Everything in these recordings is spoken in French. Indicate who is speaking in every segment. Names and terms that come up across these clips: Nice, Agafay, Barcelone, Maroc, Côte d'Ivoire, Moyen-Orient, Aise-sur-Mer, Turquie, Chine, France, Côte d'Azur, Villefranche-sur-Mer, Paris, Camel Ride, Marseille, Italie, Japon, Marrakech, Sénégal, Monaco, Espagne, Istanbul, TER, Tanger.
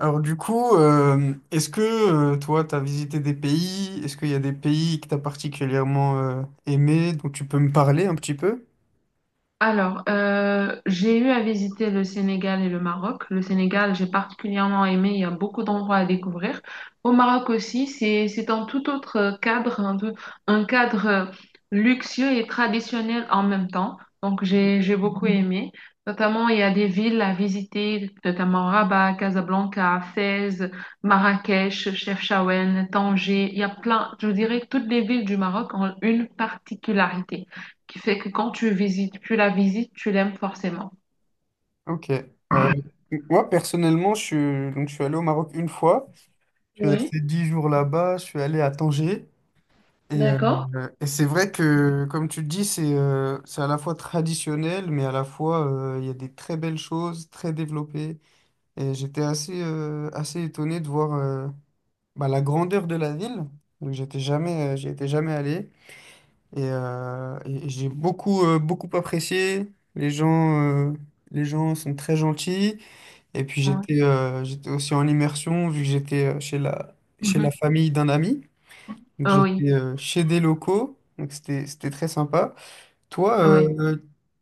Speaker 1: Alors du coup, est-ce que toi, tu as visité des pays? Est-ce qu'il y a des pays que tu as particulièrement aimé, dont tu peux me parler un petit peu?
Speaker 2: Alors, j'ai eu à visiter le Sénégal et le Maroc. Le Sénégal, j'ai particulièrement aimé, il y a beaucoup d'endroits à découvrir. Au Maroc aussi, c'est un tout autre cadre, un cadre luxueux et traditionnel en même temps. Donc, j'ai beaucoup aimé. Notamment, il y a des villes à visiter, notamment Rabat, Casablanca, Fès, Marrakech, Chefchaouen, Tanger. Il y a plein, je dirais que toutes les villes du Maroc ont une particularité qui fait que quand tu visites, tu la visites, tu l'aimes forcément.
Speaker 1: Ok. Euh, Moi, personnellement, donc, je suis allé au Maroc une fois. Je suis
Speaker 2: Oui,
Speaker 1: resté dix jours là-bas. Je suis allé à Tanger. Et, euh,
Speaker 2: d'accord.
Speaker 1: et c'est vrai que, comme tu le dis, c'est à la fois traditionnel, mais à la fois, il y a des très belles choses, très développées. Et j'étais assez, assez étonné de voir la grandeur de la ville. Donc j'étais jamais, j'y étais jamais allé. Et j'ai beaucoup, beaucoup apprécié. Les gens sont très gentils. Et puis
Speaker 2: Ouais.
Speaker 1: j'étais aussi en immersion, vu que j'étais chez la
Speaker 2: Mhm.
Speaker 1: famille d'un ami. Donc
Speaker 2: Ah oui,
Speaker 1: j'étais chez des locaux. Donc c'était très sympa. Toi,
Speaker 2: oh oui.
Speaker 1: euh,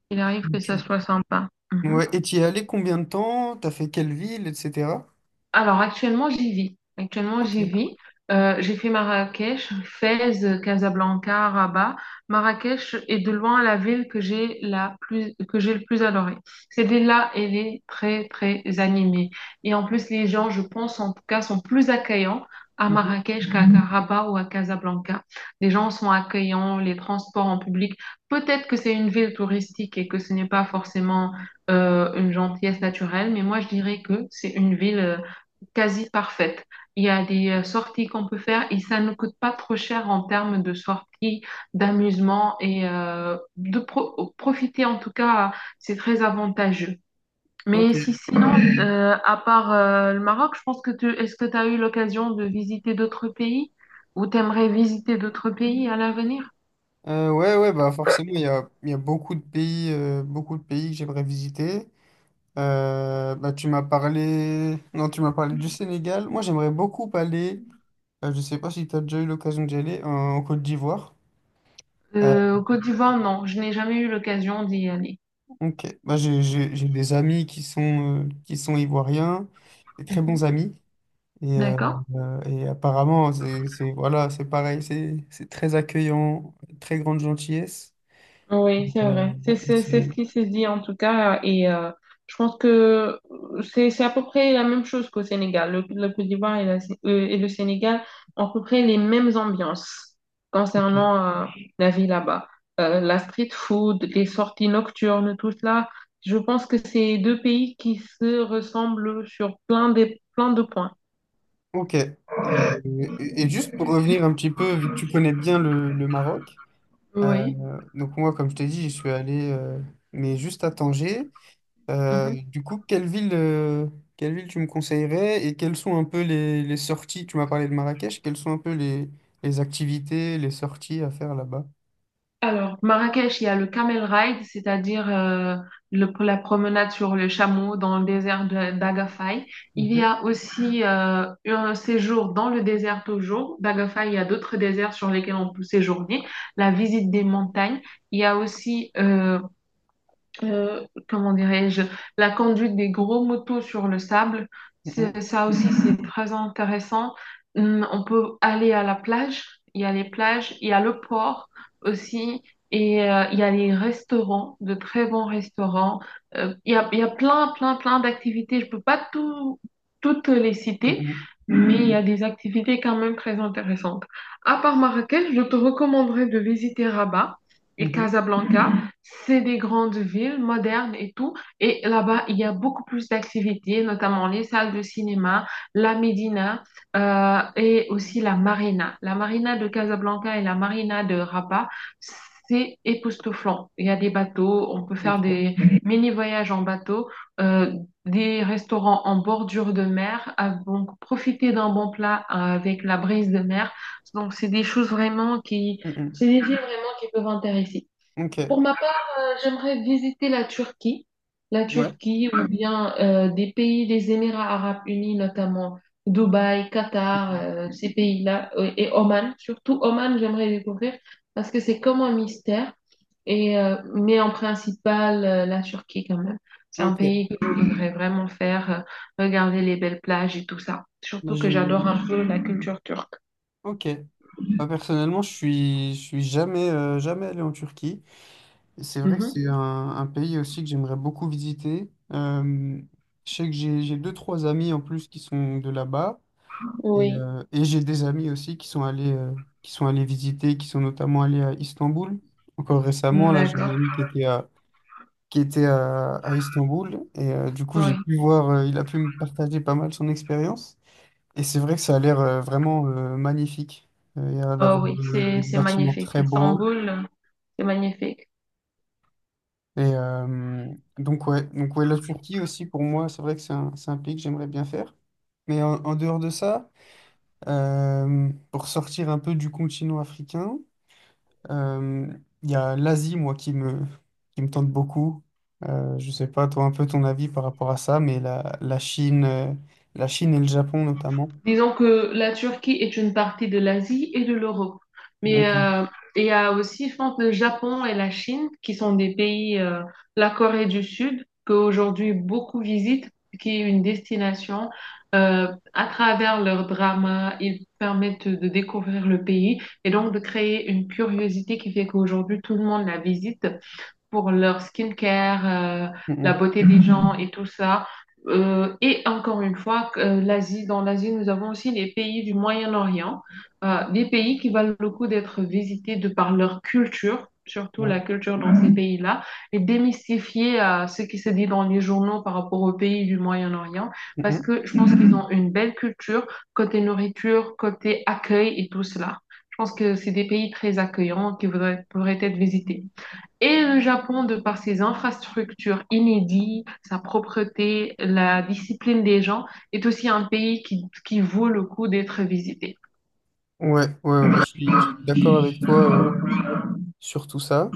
Speaker 2: Il arrive que ça
Speaker 1: tu,
Speaker 2: soit sympa. Mhm.
Speaker 1: ouais, et tu y es allé combien de temps? T'as fait quelle ville, etc.
Speaker 2: Alors actuellement j'y vis. Actuellement
Speaker 1: Ok.
Speaker 2: j'y vis. J'ai fait Marrakech, Fès, Casablanca, Rabat. Marrakech est de loin la ville que j'ai la plus que j'ai le plus adorée. Cette ville-là, elle est très très animée. Et en plus les gens, je pense en tout cas, sont plus accueillants à
Speaker 1: Mhm.
Speaker 2: Marrakech qu'à Rabat ou à Casablanca. Les gens sont accueillants, les transports en public. Peut-être que c'est une ville touristique et que ce n'est pas forcément une gentillesse naturelle, mais moi je dirais que c'est une ville quasi parfaite. Il y a des sorties qu'on peut faire et ça ne coûte pas trop cher en termes de sorties, d'amusement et de profiter en tout cas, c'est très avantageux. Mais
Speaker 1: Ok.
Speaker 2: si sinon, à part le Maroc, je pense que tu est-ce que tu as eu l'occasion de visiter d'autres pays ou t'aimerais visiter d'autres pays à l'avenir?
Speaker 1: Ouais, ouais, bah forcément, il y a beaucoup de pays que j'aimerais visiter. Bah, tu m'as parlé... Non, tu m'as parlé du Sénégal. Moi, j'aimerais beaucoup aller, je sais pas si tu as déjà eu l'occasion d'y aller, en Côte d'Ivoire. Euh,
Speaker 2: Au Côte d'Ivoire, non, je n'ai jamais eu l'occasion d'y aller.
Speaker 1: ok, bah, j'ai des amis qui sont ivoiriens, des très
Speaker 2: Mhm.
Speaker 1: bons amis. Et, euh,
Speaker 2: D'accord.
Speaker 1: et apparemment, voilà, c'est pareil, c'est très accueillant, très grande gentillesse.
Speaker 2: Oui, c'est
Speaker 1: Euh,
Speaker 2: vrai.
Speaker 1: et
Speaker 2: C'est
Speaker 1: c'est...
Speaker 2: ce qui se dit en tout cas. Et je pense que c'est à peu près la même chose qu'au Sénégal. Le Côte d'Ivoire et, et le Sénégal ont à peu près les mêmes ambiances
Speaker 1: ok.
Speaker 2: concernant la vie là-bas. La street food, les sorties nocturnes, tout cela. Je pense que c'est deux pays qui se ressemblent sur plein de points.
Speaker 1: Ok. Et, juste pour revenir un petit peu, vu que tu connais bien le Maroc,
Speaker 2: Oui.
Speaker 1: donc moi, comme je t'ai dit, j'y suis allé, mais juste à Tanger. Euh, du coup, quelle ville tu me conseillerais et quelles sont un peu les sorties? Tu m'as parlé de Marrakech, quelles sont un peu les activités, les sorties à faire là-bas?
Speaker 2: Alors, Marrakech, il y a le Camel Ride, c'est-à-dire la promenade sur le chameau dans le désert d'Agafay. Il y
Speaker 1: Mhm,
Speaker 2: a aussi un séjour dans le désert toujours. D'Agafay, il y a d'autres déserts sur lesquels on peut séjourner. La visite des montagnes. Il y a aussi comment dirais-je, la conduite des gros motos sur le sable.
Speaker 1: mhm,
Speaker 2: Ça aussi, c'est très intéressant. On peut aller à la plage, il y a les plages, il y a le port aussi, et il y a les restaurants, de très bons restaurants. Il y a plein, plein, plein d'activités. Je peux pas tout, Toutes les citer.
Speaker 1: mhm,
Speaker 2: Mais il y a des activités quand même très intéressantes. À part Marrakech, je te recommanderais de visiter Rabat et
Speaker 1: mhm,
Speaker 2: Casablanca. C'est des grandes villes modernes et tout. Et là-bas, il y a beaucoup plus d'activités, notamment les salles de cinéma, la Médina et aussi la marina. La marina de Casablanca et la marina de Rabat, c'est époustouflant. Il y a des bateaux, on peut faire
Speaker 1: Ok.
Speaker 2: des mini-voyages en bateau, euh, des restaurants en bordure de mer, donc profiter d'un bon plat avec la brise de mer. Donc,
Speaker 1: Mhm,
Speaker 2: c'est des villes vraiment qui peuvent intéresser.
Speaker 1: Ok.
Speaker 2: Pour ma part, j'aimerais visiter la
Speaker 1: Ouais.
Speaker 2: Turquie ou bien des pays des Émirats arabes unis, notamment Dubaï, Qatar,
Speaker 1: Mhm,
Speaker 2: ces pays-là, et Oman. Surtout Oman, j'aimerais découvrir parce que c'est comme un mystère. Et, mais en principal, la Turquie quand même. C'est un
Speaker 1: Ok.
Speaker 2: pays que je voudrais vraiment faire, regarder les belles plages et tout ça.
Speaker 1: Moi,
Speaker 2: Surtout que
Speaker 1: j'ai...
Speaker 2: j'adore un peu la culture turque.
Speaker 1: Ok. Moi, personnellement, je suis jamais, jamais allé en Turquie. Et c'est vrai que
Speaker 2: Mhm.
Speaker 1: c'est un pays aussi que j'aimerais beaucoup visiter. Je sais que j'ai deux, trois amis en plus qui sont de là-bas.
Speaker 2: Oui,
Speaker 1: Et j'ai des amis aussi qui sont allés, qui sont notamment allés à Istanbul. Encore récemment, là, j'ai un
Speaker 2: d'accord.
Speaker 1: ami qui était à Istanbul. Du coup, j'ai
Speaker 2: Oui.
Speaker 1: pu voir, il a pu me partager pas mal son expérience. Et c'est vrai que ça a l'air vraiment magnifique. Il y a l'air d'avoir
Speaker 2: Oh oui, c'est
Speaker 1: des
Speaker 2: c'est
Speaker 1: bâtiments
Speaker 2: magnifique.
Speaker 1: très beaux.
Speaker 2: Istanbul, c'est magnifique.
Speaker 1: Et euh, Donc, ouais, la Turquie aussi, pour moi, c'est vrai que c'est un pays que j'aimerais bien faire. Mais en dehors de ça, pour sortir un peu du continent africain, euh, il y a l'Asie, moi, qui me tente beaucoup. Je sais pas, toi, un peu ton avis par rapport à ça, mais la Chine, et le Japon notamment.
Speaker 2: Disons que la Turquie est une partie de l'Asie et de l'Europe. Mais
Speaker 1: Donc, mm,
Speaker 2: il y a aussi, je pense, le Japon et la Chine qui sont des pays, la Corée du Sud, qu'aujourd'hui beaucoup visitent, qui est une destination. Euh, à travers leurs dramas, ils permettent de découvrir le pays et donc de créer une curiosité qui fait qu'aujourd'hui tout le monde la visite pour leur skincare, la
Speaker 1: mm,
Speaker 2: beauté des gens et tout ça. Et encore une fois, dans l'Asie, nous avons aussi les pays du Moyen-Orient, des pays qui valent le coup d'être visités de par leur culture,
Speaker 1: mm,
Speaker 2: surtout
Speaker 1: ouais.
Speaker 2: la culture dans ces pays-là, et démystifier ce qui se dit dans les journaux par rapport aux pays du Moyen-Orient,
Speaker 1: Mm,
Speaker 2: parce
Speaker 1: mm.
Speaker 2: que je pense qu'ils ont une belle culture côté nourriture, côté accueil et tout cela. Je pense que c'est des pays très accueillants pourraient être visités. Et le Japon, de par ses infrastructures inédites, sa propreté, la discipline des gens, est aussi un pays qui vaut le coup d'être visité.
Speaker 1: Ouais, ouais, ouais, bah, je suis d'accord avec toi sur tout ça.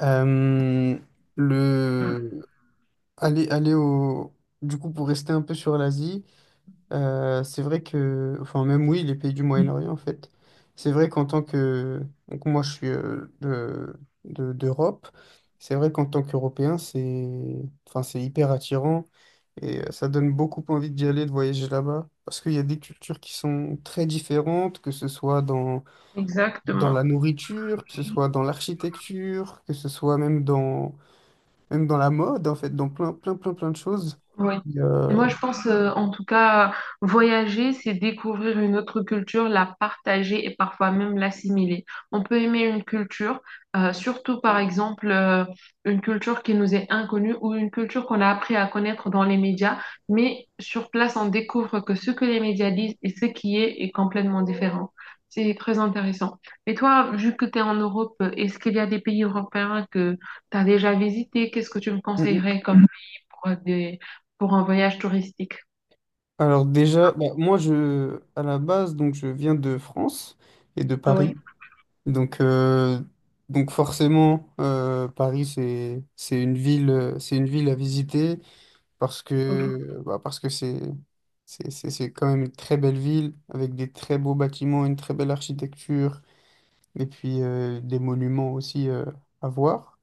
Speaker 1: Euh, le aller, aller au du coup pour rester un peu sur l'Asie, c'est vrai que enfin même oui les pays du Moyen-Orient en fait, c'est vrai qu'en tant que donc moi je suis d'Europe, c'est vrai qu'en tant qu'Européen c'est enfin c'est hyper attirant et ça donne beaucoup envie d'y aller de voyager là-bas parce qu'il y a des cultures qui sont très différentes que ce soit dans
Speaker 2: Exactement.
Speaker 1: la nourriture, que ce soit dans l'architecture, que ce soit même même dans la mode, en fait, dans plein, plein, plein, plein de choses.
Speaker 2: Oui.
Speaker 1: Et, euh,
Speaker 2: Moi, je pense, en tout cas, voyager, c'est découvrir une autre culture, la partager et parfois même l'assimiler. On peut aimer une culture, surtout par exemple, une culture qui nous est inconnue ou une culture qu'on a appris à connaître dans les médias, mais sur place, on découvre que ce que les médias disent et ce qui est est complètement différent. C'est très intéressant. Et toi, vu que tu es en Europe, est-ce qu'il y a des pays européens que tu as déjà visités? Qu'est-ce que tu me
Speaker 1: mm, mm.
Speaker 2: conseillerais comme pour des, pour un voyage touristique.
Speaker 1: Alors déjà, bah, moi, à la base, donc, je viens de France et de
Speaker 2: Oui,
Speaker 1: Paris. Donc, euh, donc forcément, Paris, c'est une ville à visiter parce
Speaker 2: oui.
Speaker 1: que, bah, parce que c'est quand même une très belle ville avec des très beaux bâtiments, une très belle architecture. Et puis des monuments aussi à voir.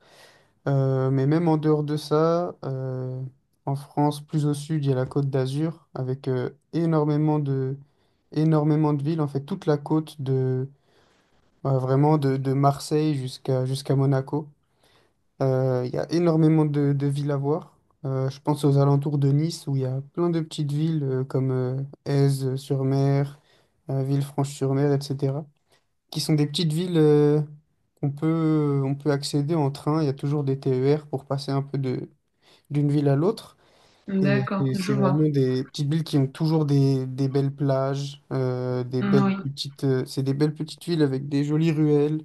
Speaker 1: Mais même en dehors de ça, en France, plus au sud, il y a la Côte d'Azur avec énormément de villes, en fait toute la côte de bah, vraiment de Marseille jusqu'à Monaco. Il y a énormément de villes à voir. Je pense aux alentours de Nice où il y a plein de petites villes comme Aise-sur-Mer, Villefranche-sur-Mer, etc qui sont des petites villes on peut accéder en train. Il y a toujours des TER pour passer un peu d'une ville à l'autre.
Speaker 2: D'accord, je
Speaker 1: C'est
Speaker 2: vois.
Speaker 1: vraiment des petites villes qui ont toujours des belles plages,
Speaker 2: Oui.
Speaker 1: c'est des belles petites villes avec des jolies ruelles,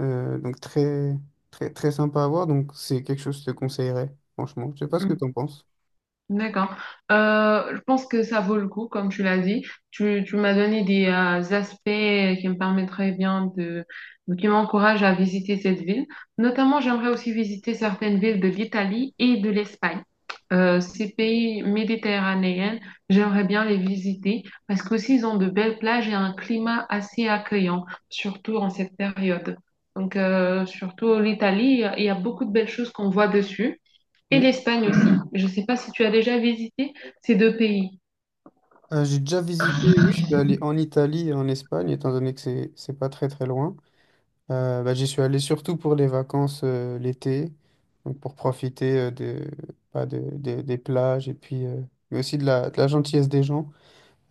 Speaker 1: donc très sympa à voir. Donc c'est quelque chose que je te conseillerais, franchement. Je sais pas ce que
Speaker 2: Mm.
Speaker 1: tu en penses.
Speaker 2: D'accord. Je pense que ça vaut le coup, comme tu l'as dit. Tu m'as donné des aspects qui me permettraient bien de, qui m'encouragent à visiter cette ville. Notamment, j'aimerais aussi visiter certaines villes de l'Italie et de l'Espagne. Ces pays méditerranéens, j'aimerais bien les visiter parce qu'aussi ils ont de belles plages et un climat assez accueillant, surtout en cette période. Donc, surtout l'Italie, il y a beaucoup de belles choses qu'on voit dessus. Et
Speaker 1: Hmm.
Speaker 2: l'Espagne aussi. Je ne sais pas si tu as déjà visité ces deux pays.
Speaker 1: J'ai déjà visité, oui, je suis allé en Italie et en Espagne, étant donné que c'est pas très très loin. Bah, j'y suis allé surtout pour les vacances l'été, donc pour profiter de, bah, de- des plages et puis mais aussi de de la gentillesse des gens.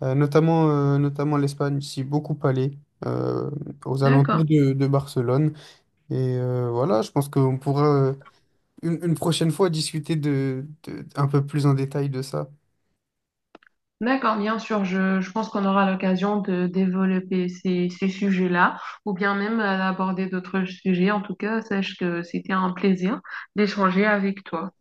Speaker 1: Notamment l'Espagne, j'y suis beaucoup allé euh, aux
Speaker 2: D'accord.
Speaker 1: alentours de Barcelone. Voilà, je pense qu'on pourra une prochaine fois discuter un peu plus en détail de ça.
Speaker 2: D'accord, bien sûr, je pense qu'on aura l'occasion de développer ces sujets-là ou bien même d'aborder d'autres sujets. En tout cas, sache que c'était un plaisir d'échanger avec toi.